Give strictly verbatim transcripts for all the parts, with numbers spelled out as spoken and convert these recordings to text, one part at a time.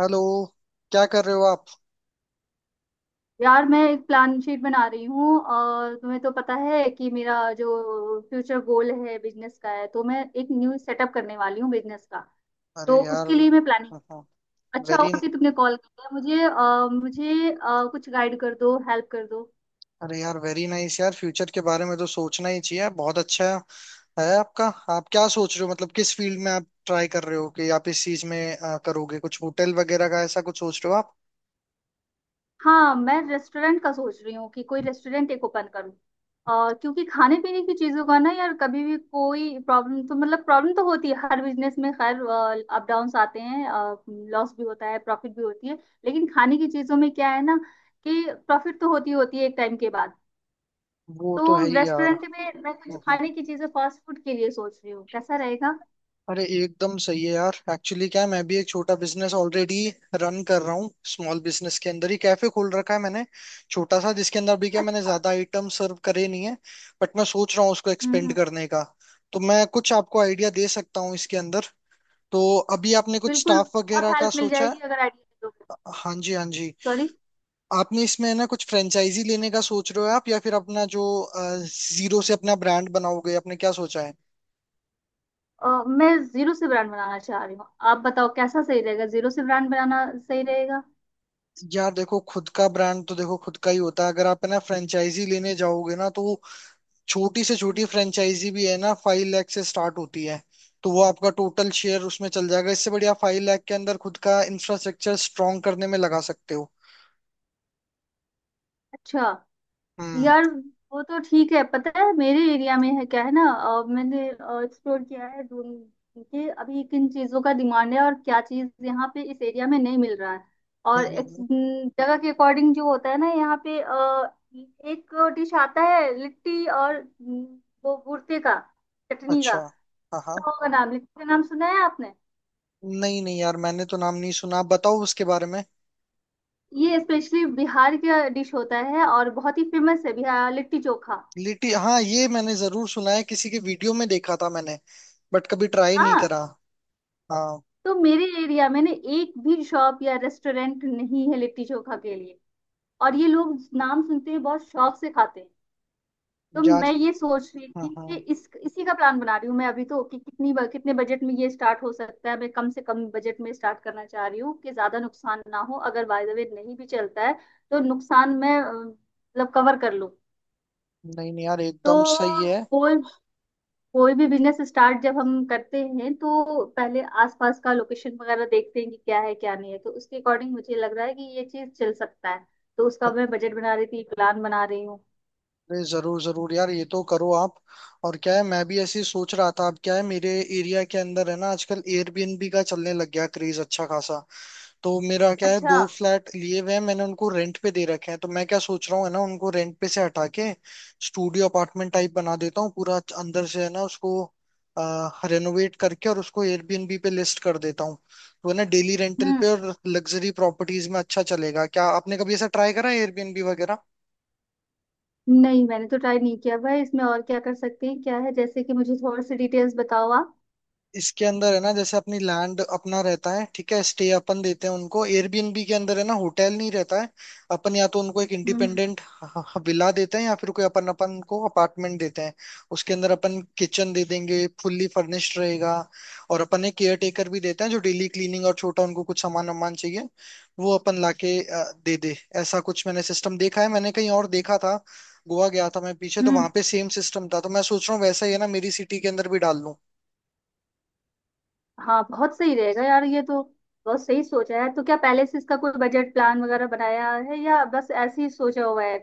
Hello. क्या कर रहे हो आप? यार मैं एक प्लान शीट बना रही हूँ। और तुम्हें तो पता है कि मेरा जो फ्यूचर गोल है बिजनेस का है, तो मैं एक न्यू सेटअप करने वाली हूँ बिजनेस का। तो अरे यार उसके लिए मैं प्लानिंग। अच्छा वेरी हुआ कि तुमने कॉल किया। मुझे अ, मुझे अ, कुछ गाइड कर दो, हेल्प कर दो। अरे यार वेरी नाइस यार, फ्यूचर के बारे में तो सोचना ही चाहिए, बहुत अच्छा है आपका। आप क्या सोच रहे हो, मतलब किस फील्ड में आप ट्राई कर रहे हो कि आप इस चीज में अ, करोगे? कुछ होटल वगैरह का ऐसा कुछ सोच रहे हो आप? हाँ, मैं रेस्टोरेंट का सोच रही हूँ कि कोई रेस्टोरेंट एक ओपन करूँ। और क्योंकि खाने पीने की चीजों का ना यार कभी भी कोई प्रॉब्लम, तो मतलब प्रॉब्लम तो होती है हर बिजनेस में। खैर, अप डाउन्स आते हैं। लॉस भी होता है, प्रॉफिट भी होती है। लेकिन खाने की चीजों में क्या है ना, कि प्रॉफिट तो होती होती है एक टाइम के बाद। वो तो तो है ही यार। रेस्टोरेंट में मैं कुछ खाने की चीजें फास्ट फूड के लिए सोच रही हूँ, कैसा रहेगा। अरे एकदम सही है यार, एक्चुअली क्या है, मैं भी एक छोटा बिजनेस ऑलरेडी रन कर रहा हूँ। स्मॉल बिजनेस के अंदर ही कैफे खोल रखा है मैंने, छोटा सा, जिसके अंदर भी क्या मैंने अच्छा। ज्यादा आइटम सर्व करे नहीं है। बट मैं सोच रहा हूँ उसको हम्म, एक्सपेंड हम्म। करने का, तो मैं कुछ आपको आइडिया दे सकता हूँ इसके अंदर। तो अभी आपने कुछ बिल्कुल। स्टाफ बहुत वगैरह का हेल्प मिल सोचा है? जाएगी अगर आइडिया दोगे। हाँ जी हाँ जी। सॉरी। आपने इसमें है ना कुछ फ्रेंचाइजी लेने का सोच रहे हो आप, या फिर अपना जो जीरो से अपना ब्रांड बनाओगे, आपने क्या सोचा है? अ, मैं जीरो से ब्रांड बनाना चाह रही हूँ। आप बताओ कैसा सही रहेगा, जीरो से ब्रांड बनाना सही रहेगा। यार देखो, खुद का ब्रांड तो देखो खुद का ही होता है। अगर आप है ना फ्रेंचाइजी लेने जाओगे ना तो वो छोटी से छोटी हम्म। फ्रेंचाइजी भी है ना फाइव लाख से स्टार्ट होती है। तो वो आपका टोटल शेयर उसमें चल जाएगा, इससे बढ़िया फाइव लाख के अंदर खुद का इंफ्रास्ट्रक्चर स्ट्रॉन्ग करने में लगा सकते हो। अच्छा। हम्म, यार वो तो ठीक है। पता है मेरे एरिया में है क्या, है ना। अ, मैंने एक्सप्लोर किया है, ढूंढ कि अभी किन चीजों का डिमांड है और क्या चीज यहाँ पे इस एरिया में नहीं मिल रहा है। और हम्म, हम्म, एक हम्म। न, जगह के अकॉर्डिंग जो होता है ना यहाँ पे, अ, एक डिश आता है लिट्टी। और न, वो भुर्ते का, चटनी का। अच्छा। हाँ हाँ। उसका होगा नाम। लिट्टी का नाम सुना है आपने? नहीं नहीं यार, मैंने तो नाम नहीं सुना, आप बताओ उसके बारे में। ये स्पेशली बिहार का डिश होता है और बहुत ही फेमस है, बिहार लिट्टी चोखा। लिटी, हाँ ये मैंने जरूर सुना है, किसी के वीडियो में देखा था मैंने, बट कभी ट्राई नहीं हाँ। करा। हाँ। तो मेरे एरिया में ना एक भी शॉप या रेस्टोरेंट नहीं है लिट्टी चोखा के लिए। और ये लोग नाम सुनते ही बहुत शौक से खाते हैं। तो यार। मैं ये सोच रही हाँ थी हाँ। कि इस इसी का प्लान बना रही हूँ मैं अभी, तो कि कितनी ब- कितने बजट में ये स्टार्ट हो सकता है। मैं कम से कम बजट में स्टार्ट करना चाह रही हूँ कि ज्यादा नुकसान ना हो, अगर बाय द वे नहीं भी चलता है तो नुकसान मैं अ, मतलब कवर कर लूँ। नहीं नहीं यार, तो एकदम सही है। बोल। कोई भी बिजनेस स्टार्ट जब हम करते हैं, तो पहले आसपास का लोकेशन वगैरह देखते हैं कि क्या है क्या नहीं है, तो उसके अकॉर्डिंग मुझे लग रहा है कि ये चीज चल सकता है। तो उसका मैं बजट बना रही थी, प्लान बना रही हूँ। अरे जरूर जरूर यार, ये तो करो आप। और क्या है, मैं भी ऐसे ही सोच रहा था। अब क्या है, मेरे एरिया के अंदर है ना आजकल एयरबीएनबी का चलने लग गया क्रेज अच्छा खासा। तो मेरा क्या है, अच्छा। दो फ्लैट लिए हुए हैं मैंने, उनको रेंट पे दे रखे हैं। तो मैं क्या सोच रहा हूँ, है ना, उनको रेंट पे से हटा के स्टूडियो अपार्टमेंट टाइप बना देता हूँ, पूरा अंदर से है ना उसको रेनोवेट करके, और उसको एयरबीएनबी पे लिस्ट कर देता हूँ। तो है ना डेली रेंटल हम्म। पे और लग्जरी प्रॉपर्टीज में अच्छा चलेगा। क्या आपने कभी ऐसा ट्राई करा है एयरबीएनबी वगैरह? नहीं, मैंने तो ट्राई नहीं किया भाई इसमें। और क्या कर सकते हैं क्या है, जैसे कि मुझे थोड़ी सी डिटेल्स बताओ आप। इसके अंदर है ना, जैसे अपनी लैंड अपना रहता है, ठीक है, स्टे अपन देते हैं उनको। एयरबीएनबी के अंदर है ना होटल नहीं रहता है, अपन या तो उनको एक हम्म, इंडिपेंडेंट विला देते हैं या फिर कोई अपन अपन को अपार्टमेंट देते हैं। उसके अंदर अपन किचन दे देंगे, फुल्ली फर्निश्ड रहेगा। और अपन एक केयर टेकर भी देते हैं जो डेली क्लीनिंग, और छोटा उनको कुछ सामान वामान चाहिए वो अपन लाके अ, दे दे। ऐसा कुछ मैंने सिस्टम देखा है, मैंने कहीं और देखा था। गोवा गया था मैं पीछे, तो वहां हम्म। पे सेम सिस्टम था, तो मैं सोच रहा हूँ वैसा ही है ना मेरी सिटी के अंदर भी डाल लूं। हाँ, बहुत सही रहेगा यार ये तो। बहुत सही सोचा है। तो क्या पहले से इसका कोई बजट प्लान वगैरह बनाया है, या बस ऐसे ही सोचा हुआ है,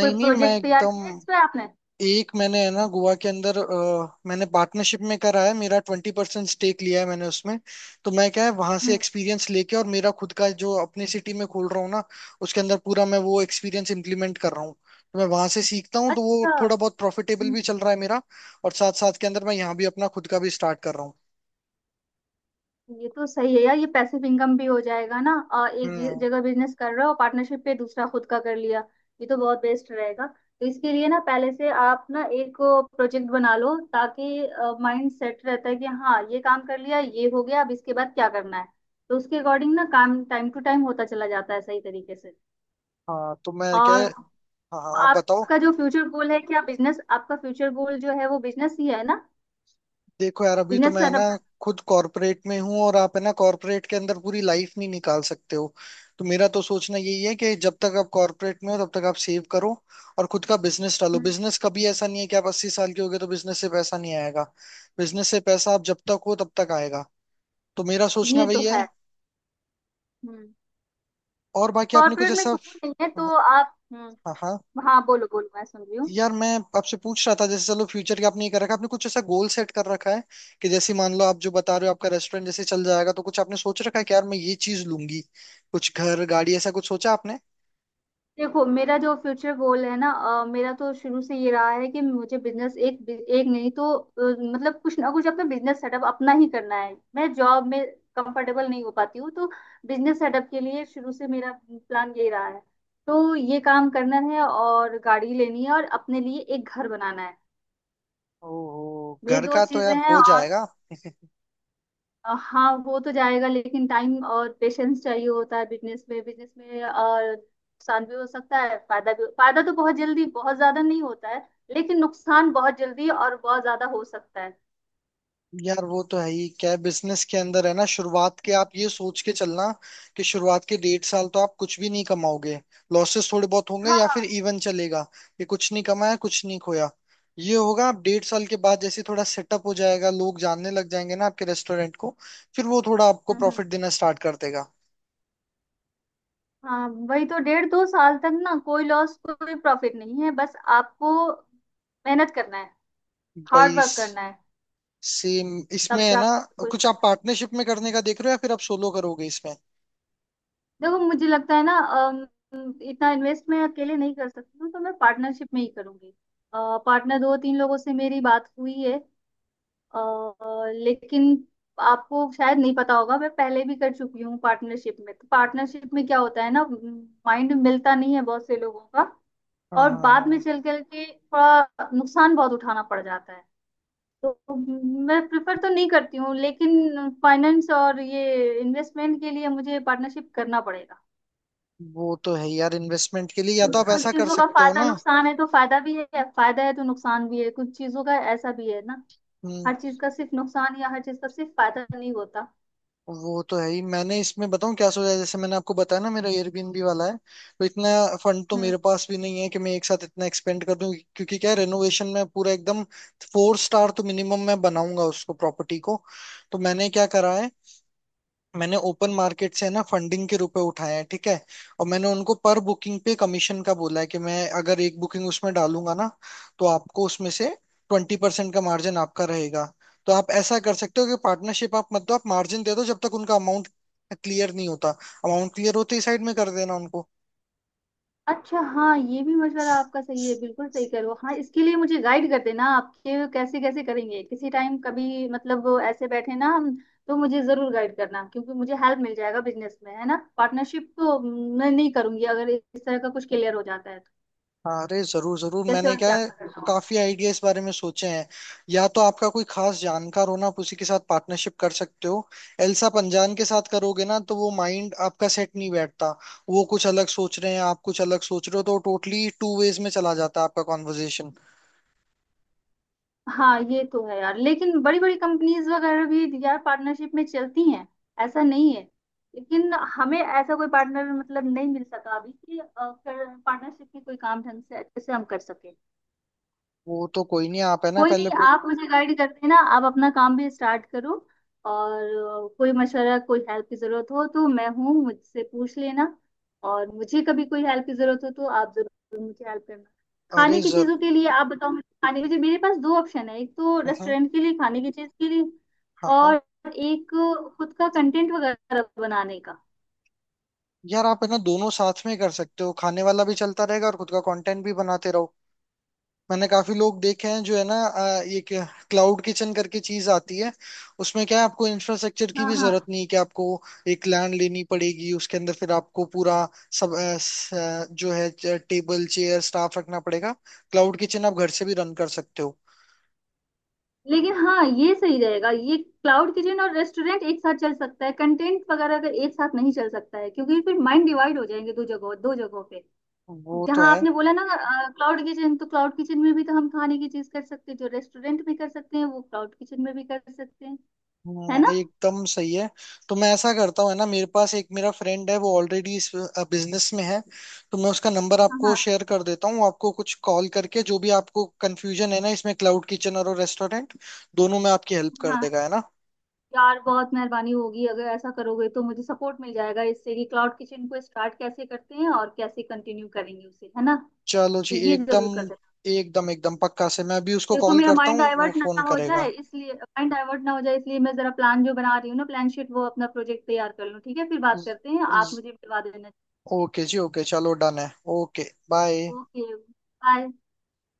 कोई नहीं, मैं प्रोजेक्ट तैयार एकदम। किया है इस पे आपने? एक मैंने है ना गोवा के अंदर अ, मैंने पार्टनरशिप में करा है, मेरा ट्वेंटी परसेंट स्टेक लिया है मैंने उसमें। तो मैं क्या है, वहां से हम्म। एक्सपीरियंस लेके और मेरा खुद का जो अपने सिटी में खोल रहा हूँ ना, उसके अंदर पूरा मैं वो एक्सपीरियंस इम्प्लीमेंट कर रहा हूँ। तो मैं वहां से सीखता हूँ, तो वो अच्छा। थोड़ा बहुत प्रॉफिटेबल हम्म। भी चल रहा है मेरा। और साथ साथ के अंदर मैं यहाँ भी अपना खुद का भी स्टार्ट कर रहा हूँ। ये तो सही है यार, ये पैसिव इनकम भी हो जाएगा ना। और एक जि- हम्म। जगह बिजनेस कर रहे हो पार्टनरशिप पे, दूसरा खुद का कर लिया। ये तो बहुत बेस्ट रहेगा। तो इसके लिए ना पहले से आप ना एक प्रोजेक्ट बना लो, ताकि माइंड सेट रहता है कि हाँ ये काम कर लिया, ये हो गया, अब इसके बाद क्या करना है। तो उसके अकॉर्डिंग ना काम टाइम टू टाइम होता चला जाता है सही तरीके से। हाँ तो मैं क्या और है। हाँ हाँ, आप बताओ। आपका जो फ्यूचर गोल है क्या, बिजनेस? आपका फ्यूचर गोल जो है वो बिजनेस ही है ना, देखो यार, अभी तो बिजनेस मैं ना सेटअप करना। खुद कॉरपोरेट में हूँ, और आप है ना कॉरपोरेट के अंदर पूरी लाइफ नहीं निकाल सकते हो। तो मेरा तो सोचना यही है कि जब तक आप कॉरपोरेट में हो तब तक आप सेव करो और खुद का बिजनेस डालो। हम्म, बिजनेस कभी ऐसा नहीं है कि आप अस्सी साल के हो गए तो बिजनेस से पैसा नहीं आएगा। बिजनेस से पैसा आप जब तक हो तब तक आएगा। तो मेरा सोचना ये तो वही है। है। हम्म। और बाकी आपने कुछ कॉर्पोरेट में ऐसा। सुकून नहीं है हाँ तो आप। हाँ हम्म। हाँ। हाँ बोलो, बोलो, मैं सुन रही हूँ। यार मैं आपसे पूछ रहा था, जैसे चलो फ्यूचर की आपने ये कर रखा है, आपने कुछ ऐसा गोल सेट कर रखा है कि जैसे मान लो आप जो बता रहे हो आपका रेस्टोरेंट जैसे चल जाएगा, तो कुछ आपने सोच रखा है कि यार मैं ये चीज लूंगी? कुछ घर, गाड़ी, ऐसा कुछ सोचा आपने? देखो, मेरा जो फ्यूचर गोल है ना, अ, मेरा तो शुरू से ये रहा है कि मुझे बिजनेस, एक एक नहीं तो अ, मतलब कुछ ना कुछ अपना बिजनेस सेटअप अपना ही करना है। मैं जॉब में कंफर्टेबल नहीं हो पाती हूँ, तो बिजनेस सेटअप के लिए शुरू से मेरा प्लान यही रहा है। तो ये काम करना है और गाड़ी लेनी है और अपने लिए एक घर बनाना है। ओहो मेरी घर दो का तो चीजें यार हैं। हो और जाएगा। अ, हाँ, वो तो जाएगा, लेकिन टाइम और पेशेंस चाहिए होता है बिजनेस में। बिजनेस में और नुकसान भी हो सकता है, फायदा भी। फायदा तो बहुत जल्दी बहुत ज्यादा नहीं होता है, लेकिन नुकसान बहुत जल्दी और बहुत ज्यादा हो सकता है। यार वो तो है ही, क्या बिजनेस के अंदर है ना शुरुआत के आप ये सोच के चलना कि शुरुआत के डेढ़ साल तो आप कुछ भी नहीं कमाओगे। लॉसेस थोड़े बहुत होंगे या फिर हाँ। इवन चलेगा कि कुछ नहीं कमाया कुछ नहीं खोया। ये होगा। आप डेढ़ साल के बाद जैसे थोड़ा सेटअप हो जाएगा, लोग जानने लग जाएंगे ना आपके रेस्टोरेंट को, फिर वो थोड़ा आपको हम्म, हम्म। प्रॉफिट देना स्टार्ट कर देगा। हाँ वही तो, डेढ़ दो साल तक ना कोई लॉस कोई प्रॉफिट नहीं है, बस आपको मेहनत करना है, हार्ड भाई, वर्क करना है। सेम। इसमें तब है ना जाकर कुछ कुछ। आप पार्टनरशिप में करने का देख रहे हो या फिर आप सोलो करोगे इसमें? देखो मुझे लगता है ना, अम, इतना इन्वेस्ट मैं अकेले नहीं कर सकती हूँ, तो मैं पार्टनरशिप में ही करूंगी। पार्टनर दो तीन लोगों से मेरी बात हुई है। अ, अ, लेकिन आपको शायद नहीं पता होगा, मैं पहले भी कर चुकी हूँ पार्टनरशिप में। तो पार्टनरशिप में क्या होता है ना, माइंड मिलता नहीं है बहुत से लोगों का। हाँ और हाँ बाद में हाँ। चल कर के थोड़ा नुकसान बहुत उठाना पड़ जाता है। तो मैं प्रिफर तो नहीं करती हूँ, लेकिन फाइनेंस और ये इन्वेस्टमेंट के लिए मुझे पार्टनरशिप करना पड़ेगा। वो तो है यार, इन्वेस्टमेंट के लिए या तो आप कुछ ऐसा कर चीजों का सकते हो फायदा ना। नुकसान है, तो फायदा भी है, फायदा है तो नुकसान भी है, कुछ चीजों का ऐसा भी है ना। हम्म। हर चीज का सिर्फ नुकसान या हर चीज का सिर्फ फायदा नहीं होता। वो तो है ही। मैंने इसमें बताऊं क्या सोचा है, जैसे मैंने आपको बताया ना मेरा एयरबीएनबी वाला है, तो इतना फंड तो हम्म। मेरे पास भी नहीं है कि मैं एक साथ इतना एक्सपेंड कर दूं, क्योंकि क्या है रेनोवेशन में पूरा एकदम फोर स्टार तो मिनिमम मैं बनाऊंगा उसको, प्रॉपर्टी को। तो मैंने क्या करा है, मैंने ओपन मार्केट से है ना फंडिंग के रुपए उठाए हैं, ठीक है। और मैंने उनको पर बुकिंग पे कमीशन का बोला है, कि मैं अगर एक बुकिंग उसमें डालूंगा ना तो आपको उसमें से ट्वेंटी परसेंट का मार्जिन आपका रहेगा। तो आप ऐसा कर सकते हो कि पार्टनरशिप आप, मतलब आप मार्जिन दे दो जब तक उनका अमाउंट क्लियर नहीं होता। अमाउंट क्लियर होते ही साइड में कर देना उनको। अच्छा। हाँ, ये भी मशवरा आपका सही है, बिल्कुल सही करो। हाँ, इसके लिए मुझे गाइड कर देना आपके, कैसे कैसे करेंगे किसी टाइम कभी, मतलब वो ऐसे बैठे ना हम, तो मुझे जरूर गाइड करना, क्योंकि मुझे हेल्प मिल जाएगा। बिजनेस में है ना, पार्टनरशिप तो मैं नहीं करूंगी, अगर इस तरह का कुछ क्लियर हो जाता है तो अरे जरूर जरूर। कैसे मैंने और क्या क्या है करना होगा। काफी आइडिया इस बारे में सोचे हैं। या तो आपका कोई खास जानकार हो ना, आप उसी के साथ पार्टनरशिप कर सकते हो। एल्सा पंजान के साथ करोगे ना तो वो माइंड आपका सेट नहीं बैठता, वो कुछ अलग सोच रहे हैं, आप कुछ अलग सोच रहे हो, तो टोटली टू वेज में चला जाता है आपका कॉन्वर्जेशन। हाँ ये तो है यार, लेकिन बड़ी बड़ी कंपनीज वगैरह भी यार पार्टनरशिप में चलती हैं। ऐसा नहीं है। लेकिन हमें ऐसा कोई पार्टनर मतलब नहीं मिल सका अभी, कि पार्टनरशिप में कोई काम ढंग से अच्छे से हम कर सके। वो तो कोई नहीं, आप है ना कोई नहीं, पहले पु- आप मुझे गाइड कर देना, आप अपना काम भी स्टार्ट करो। और अ, कोई मशवरा कोई हेल्प की जरूरत हो तो मैं हूँ, मुझसे पूछ लेना। और मुझे कभी कोई हेल्प की जरूरत हो तो आप जरूर मुझे हेल्प करना। अरे खाने की जर चीजों के लिए आप बताओ मुझे। खाने, मुझे मेरे पास दो ऑप्शन है, एक तो हाँ रेस्टोरेंट के लिए, खाने की चीज के लिए, हाँ हाँ। और एक खुद का कंटेंट वगैरह बनाने का। यार आप है ना दोनों साथ में कर सकते हो, खाने वाला भी चलता रहेगा और खुद का कंटेंट भी बनाते रहो। मैंने काफी लोग देखे हैं जो है ना अ, ये क्लाउड किचन करके चीज आती है। उसमें क्या है, आपको इंफ्रास्ट्रक्चर की हाँ, भी हाँ। जरूरत नहीं है कि आपको एक लैंड लेनी पड़ेगी, उसके अंदर फिर आपको पूरा सब अ, स- अ, जो है टेबल चेयर स्टाफ रखना पड़ेगा। क्लाउड किचन आप घर से भी रन कर सकते हो। लेकिन हाँ, ये सही रहेगा, ये क्लाउड किचन और रेस्टोरेंट एक साथ चल सकता है, कंटेंट वगैरह का एक साथ नहीं चल सकता है, क्योंकि फिर माइंड डिवाइड हो जाएंगे दो जगहों, दो जगहों पे। वो तो जहाँ है। आपने बोला ना क्लाउड किचन, तो क्लाउड किचन में भी तो हम खाने की चीज कर सकते हैं, जो रेस्टोरेंट में कर सकते हैं वो क्लाउड किचन में भी कर सकते हैं, है हम्म, ना। एकदम सही है। तो मैं ऐसा करता हूँ है ना, मेरे पास एक मेरा फ्रेंड है वो ऑलरेडी इस बिजनेस में है, तो मैं उसका नंबर हाँ, आपको हाँ, शेयर कर देता हूँ। आपको कुछ कॉल करके जो भी आपको कंफ्यूजन है ना इसमें क्लाउड किचन और रेस्टोरेंट दोनों में आपकी हेल्प कर हाँ। देगा है ना। यार बहुत मेहरबानी होगी अगर ऐसा करोगे, तो मुझे सपोर्ट मिल जाएगा इससे, कि क्लाउड किचन को स्टार्ट कैसे करते हैं और कैसे कंटिन्यू करेंगे उसे, है ना। तो चलो जी, ये जरूर एकदम कर। एकदम एकदम पक्का से मैं अभी उसको देखो कॉल मेरा करता माइंड हूँ, वो डाइवर्ट ना फोन हो जाए करेगा। इसलिए, माइंड डाइवर्ट ना हो जाए इसलिए मैं जरा प्लान जो बना रही हूँ ना प्लान शीट, वो अपना प्रोजेक्ट तैयार कर लूँ, ठीक है, फिर बात ज- करते हैं, आप ज- मुझे मिलवा देना। ओके जी, ओके, चलो डन है। Okay bye. Okay bye.